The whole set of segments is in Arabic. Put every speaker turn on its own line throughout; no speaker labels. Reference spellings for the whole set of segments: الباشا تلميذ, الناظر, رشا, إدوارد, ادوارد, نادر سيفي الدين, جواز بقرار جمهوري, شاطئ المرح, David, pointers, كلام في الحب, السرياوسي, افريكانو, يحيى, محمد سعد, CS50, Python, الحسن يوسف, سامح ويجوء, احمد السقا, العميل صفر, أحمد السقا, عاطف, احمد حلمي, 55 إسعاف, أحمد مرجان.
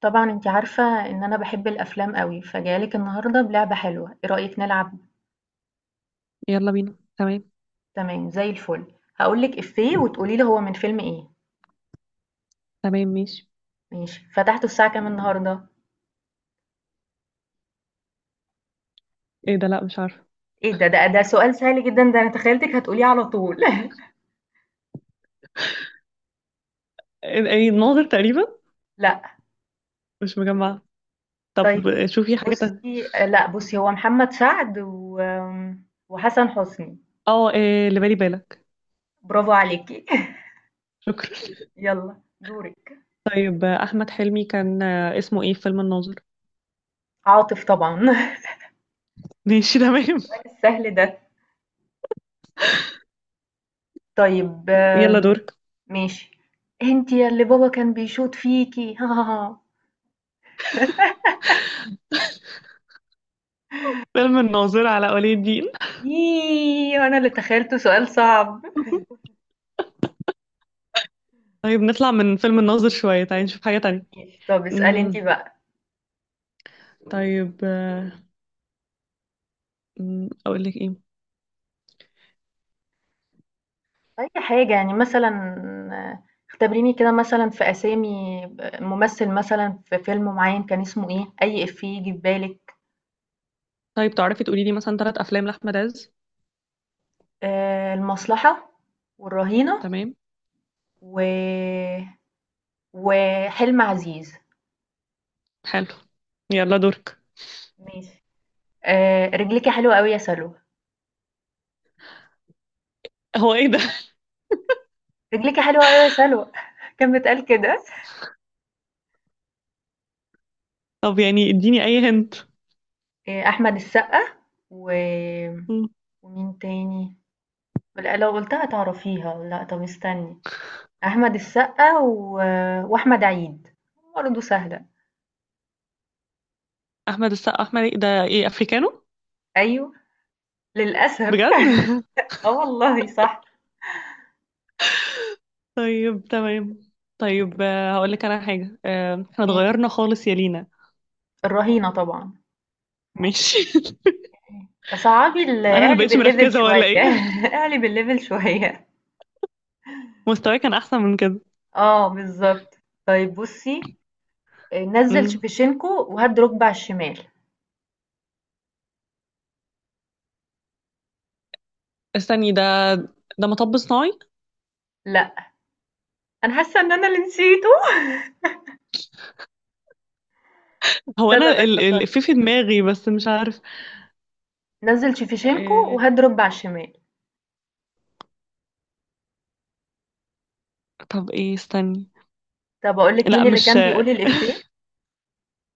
طبعًا أنتِ عارفة إن أنا باحب الأفلام أوي، فجاية لِك النهارده بلعبة حلوة، إيه رأيِك نلعب؟
يلا بينا، تمام.
تمام زي الفل، هاقول لِك إيفيه وتقولي لي هو من فيلم إيه،
تمام، ماشي.
ماشي، فتحته الساعة كام النهارده؟
ايه ده؟ لا، مش عارفه.
إيه ده! ده سؤال سهل جدًا، ده أنا تخيلتِك هتقوليه على طول.
ايه، إيه، ناظر تقريبا.
لأ،
مش مجمعه. طب
طيب
شوفي حاجه تانية.
بُصّي، لأ بُصّي هو محمد سعد وآمم، وحسن حسني،
اه، إيه اللي بالي بالك.
برافو عليكِ.
شكرا
يالّا دورِك.
طيب، احمد حلمي كان اسمه ايه في فيلم الناظر؟
عاطف طبعًا.
ماشي تمام
السؤال السهل ده. طيب
يلا دورك.
ماشي. "أنتِ يا اللي بابا كان بيشوط فيكِ."
فيلم الناظر، على ولي الدين.
ييه! وأنا اللي تخيّلته سؤال صعب.
طيب نطلع من فيلم الناظر شويه، تعالي نشوف حاجه تانية.
ماشي، طب اسألي أنتِ
امم.
بقى.
طيب آه، أمم، اقول لك ايه؟
أي حاجة، يعني مثلًا آه، اختبريني كده مثلًا في أسامي ب ممثل مثلًا في فيلم معيّن كان اسمه إيه، أي إفيه ييجي في بالِك.
طيب تعرفي تقولي لي مثلا 3 افلام لاحمد عز؟
المصلحة والرهينة
تمام.
و وحلم عزيز.
حلو. يلا دورك.
ماشي. رجليكِ حلوة أوي يا سلوى،
هو ايه ده؟
رجليكِ حلوة أوي يا سلوى، كان بيتقال كده؟
طب يعني اديني اي هنت.
أحمد السقا و ومين تاني؟ لأ لو قُلتها هتعرفيها، لأ طَب استني، أحمد السقا وأحمد عيد، برضه سهلة.
احمد السقا، احمد إيه ده، ايه افريكانو؟
أيوه، للأسف.
بجد
آه والله صح،
طيب تمام. طيب هقول لك انا حاجه، احنا
ماشي.
اتغيرنا خالص يا لينا.
الرهينة طبعًا.
ماشي
صعّبي
انا اللي
اعلي
بقيتش
الlevel
مركزه
شوية،
ولا ايه؟
اعلي الlevel شوية.
مستواي كان احسن من كده.
آه بالضبط. طيب بُصّي، نزّل
امم.
شيفتشينكو وهَد رُكبة على الشمال.
استني ده مطب صناعي.
لأ، أنا حاسة إن أنا اللي نسيته.
هو
لا، لا، لا
انا
افتكرت.
الإفيه في دماغي بس مش
إمم.
عارف.
نزل شيفتشينكو
آه،
وهات رد على الشمال.
طب ايه، استني.
طب اقول لك
لا
مين اللي
مش
كان بيقول الإفيه.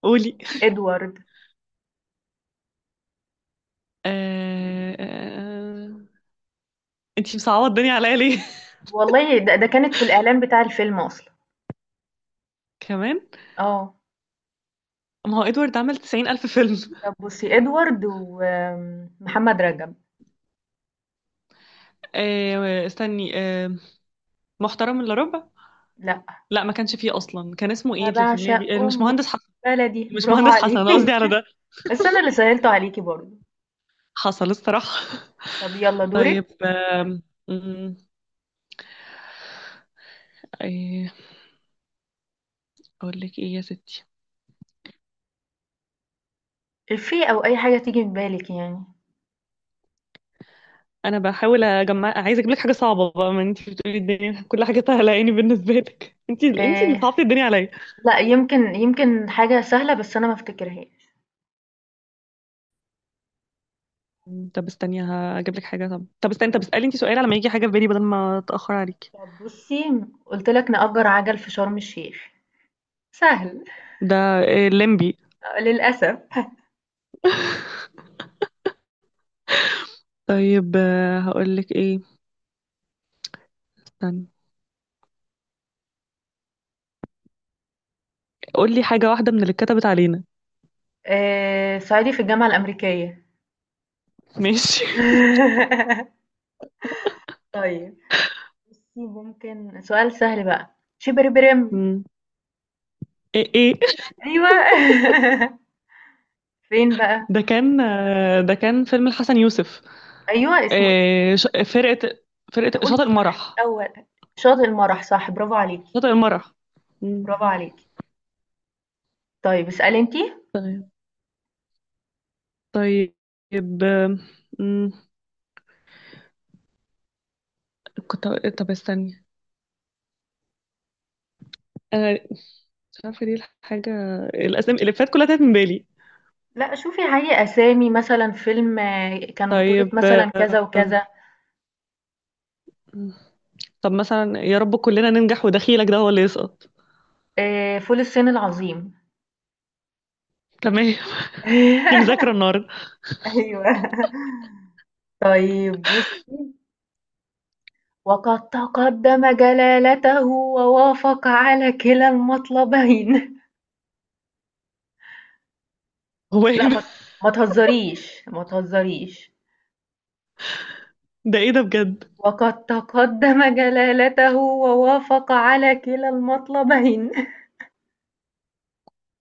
قولي.
ادوارد.
آه، آه، انتي مصعبه الدنيا عليا ليه؟
والله ده, كانت في الإعلان بتاع الفيلم أصلا.
كمان.
اه.
ما هو ادوارد عمل 90 ألف فيلم.
طب بصي ادوارد ومحمد رجب.
استني، محترم الا ربع.
لا،
لا ما كانش فيه اصلا، كان اسمه ايه
انا
اللي في دماغي؟
بعشق
مش
امك
مهندس حسن.
بلدي،
مش
برافو
مهندس حسن، انا
عليكي.
قصدي على ده.
بس انا اللي سهلته عليكي برضه.
حصل الصراحه
طب يلا دورك.
طيب آم، أمم، ايه، اقول لك ايه يا ستي؟
إفيه او اي حاجة تيجي في بالك يعني.
انا بحاول اجمع، عايزه اجيب لك حاجه صعبه بقى، ما انت بتقولي الدنيا كل حاجه سهله يعني بالنسبه لك انت اللي
آه.
صعبتي الدنيا عليا.
لا، يمكن حاجة سهلة بس انا ما افتكرهاش.
طب استني هجيب لك حاجه، طب استني، طب اسالي انت سؤال على ما يجي حاجه في بالي بدل ما اتاخر عليك.
طب بصي، قلت لك نأجر عجل في شرم الشيخ. سهل.
ده ليمبي.
آه، للأسف.
طيب هقول لك ايه. استني. قول لي حاجه واحده من اللي اتكتبت علينا
صعيدي في الجامعة الأمريكية.
ماشي.
طيب بُصّي، ممكن سؤال سهل بقى، شبربرم.
مم. ايه، ايه.
أيوه، فين بقى؟
ده كان فيلم الحسن يوسف.
أيوه، اسمه إيه؟
آه، ش- فرقة فرقة
أنتِ قُلتِ
شاطئ
صح
المرح.
الأول، شاطئ المرح صح، برافو عليكِ،
شاطئ المرح. مم.
برافو عليكِ. طيب اسألي أنتِ.
طيب، طيب، آم، مم. طب استني. انا مش عارفة ليه. الحاجة، الاسامي اللي فات كلها تاهت من بالي.
لأ شوفي، هاي أسامي مثلًا فيلم كان بطولة
طيب
مثلًا كذا وكذا،
مم. طب مثلا، يا رب كلنا ننجح ودخيلك ده هو اللي يسقط.
فول الصين العظيم.
تمام في مذاكرة النهاردة.
أيوه. طيب بُصّي، وَقَدْ تَقَدَّمَ جلالته ووافق على كلا المطلبين.
هو ايه
لأ،
ده؟
ما تهزريش، ما تهزريش.
ده ايه ده بجد؟
وَقَدْ تَقَدَّمَ جلالته ووافق على كلا المطلبين.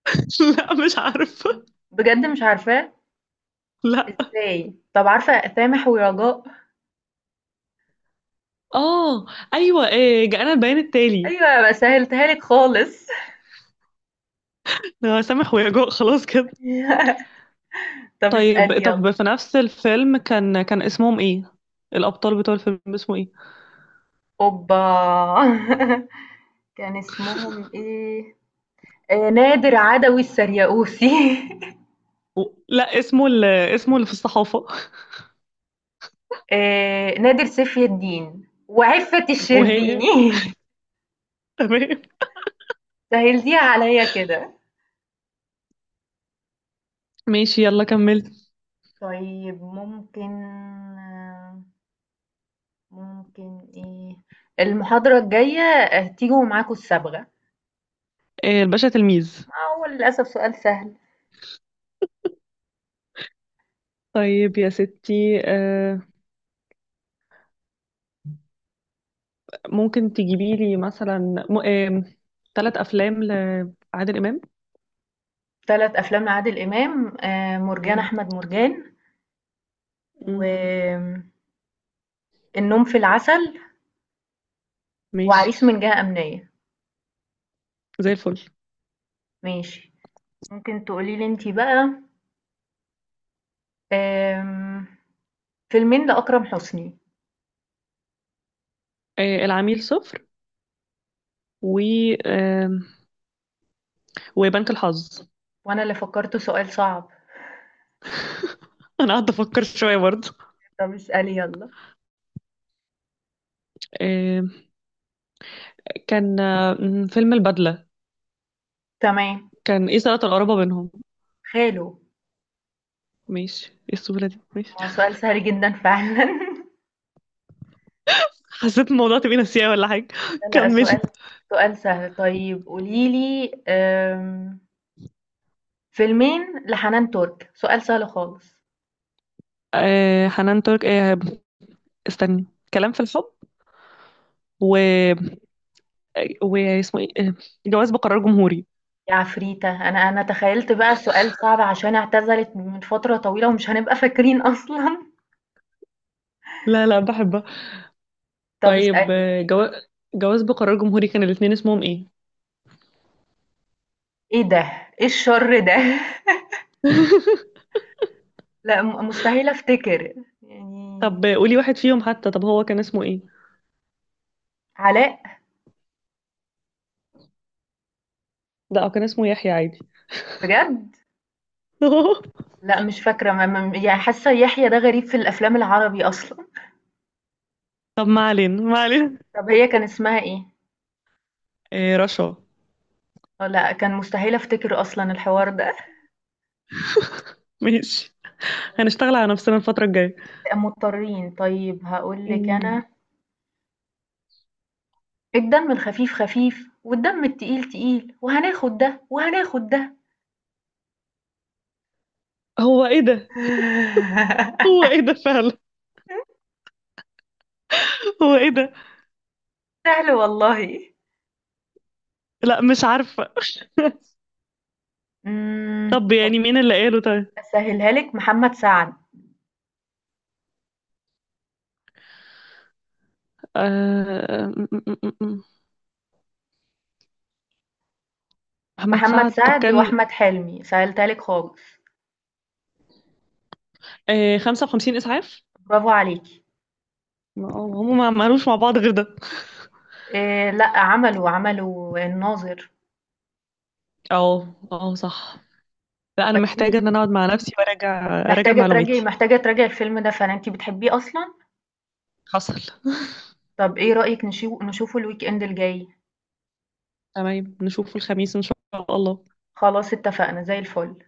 لا، مش عارفة.
بجد مش عارفاه؟
لا.
إزاي؟ طب عارفة سامح ورجاء؟
اه، ايوه. إيه؟ جاءنا البيان التالي.
أيوه أنا سهّلتها لِك خالص.
سامح ويجوء، خلاص كده.
طب
طيب.
اسألي يالّا.
طب في نفس الفيلم، كان اسمهم ايه؟ الابطال بتوع الفيلم، اسمه ايه؟
أوبّا! كان اسمهم إيه؟ نادر، عدوي، السرياوسي.
و... لا، اسمه اسمه اللي في الصحافه
نادر سيفي الدين، وعفة
وهي
الشربيني.
تمام.
سهّلتيها عليَّ كده.
ماشي، يلا كملت.
طيب آه، ممكن إيه، المحاضرة الجاية هتيجوا ومعاكم الصبغة،
إيه الباشا تلميذ.
هو للأسف سؤال سهل.
طيب يا ستي، ممكن تجيبي لي مثلا م... آه... 3 افلام لعادل امام؟
3 أفلام لعادل إمام، مرجان
مم.
أحمد مرجان،
مم.
وآمم النوم في العسل،
ماشي.
وعريس من جهة أمنية.
زي الفل.
ماشي، ممكن تقولي لي أنتِ بقى، آمم فيلمين لأكرم حسني.
العميل صفر، و آه وبنك الحظ.
وأنا اللي فكّرته سؤال صعب.
انا قاعده افكر شويه برضه.
طب اسألي يلا.
آه، كان آه، م، فيلم البدله.
تمام.
كان ايه صلة القرابة بينهم؟
خاله.
ماشي، ايه السهولة دي؟ ماشي
ما هو سؤال سهل جدًا فعلًا.
حسيت الموضوع تبقى نسيها ولا حاجة؟
لا، لأ،
كملي.
سؤال سهل. طيب قولي لي، فيلمين لحنان ترك، سؤال سهل خالص.
حنان ترك، استني. كلام في الحب، و واسمه ايه جواز بقرار جمهوري.
يا عفريتة! أنا تخيّلت بقى سؤال صعب عشان اعتزلت من فترة طويلة ومش هنبقى فاكرين أصلًا.
لا، لا، بحبها.
طب
طيب،
اسألي. امم،
جواز بقرار جمهوري، كان الاتنين اسمهم ايه؟
إيه ده؟ إيه الشر ده؟ لأ، مستحيل أفتكر. يعني
طب قولي واحد فيهم حتى، طب هو كان اسمه ايه؟
علاء؟
لا، هو كان اسمه يحيى عادي
بجد؟! لأ مش فاكرة، ما يعني حاسة يحيى ده غريب في الأفلام العربي أصلًا.
طب ما علينا، ما علينا.
طَب هي كان اسمها إيه؟
رشا.
آه، لأ كان مستحيل أفتكر أصلًا الحوار ده.
ماشي.
طيب
هنشتغل على نفسنا الفترة الجاية.
مضطرين، طيب هاقول لِك
مم.
أنا الدم الخفيف خفيف والدم التقيل تقيل وهناخد ده وهناخد ده.
هو ايه ده؟ هو ايه ده فعلا؟ هو ايه ده؟
سهل والله.
لا، مش عارفة طب
طَب
يعني مين اللي قاله؟ طيب.
أسهّلها لِك محمد سعد،
آه... م- م- م- م. محمد
محمد
سعد، طب
سعد
كان
وأحمد حلمي، سهلتها لِك خالص،
55 إسعاف.
برافو عليكِ.
هم ما عملوش مع بعض غير ده.
لأ عملوا، الناظر،
اه، اه، صح. لا، انا
بس أنتِ
محتاجة ان انا اقعد مع نفسي وارجع، اراجع
محتاجة تراجعي
معلوماتي.
محتاجة تراجعي الفيلم ده فعلًا، أنتِ بتحبيه أصلًا؟
حصل.
طب إيه رأيِك نشوفه الweekend الجاي؟
تمام، نشوفه الخميس ان شاء الله.
خلاص اتفقنا، زي الفل.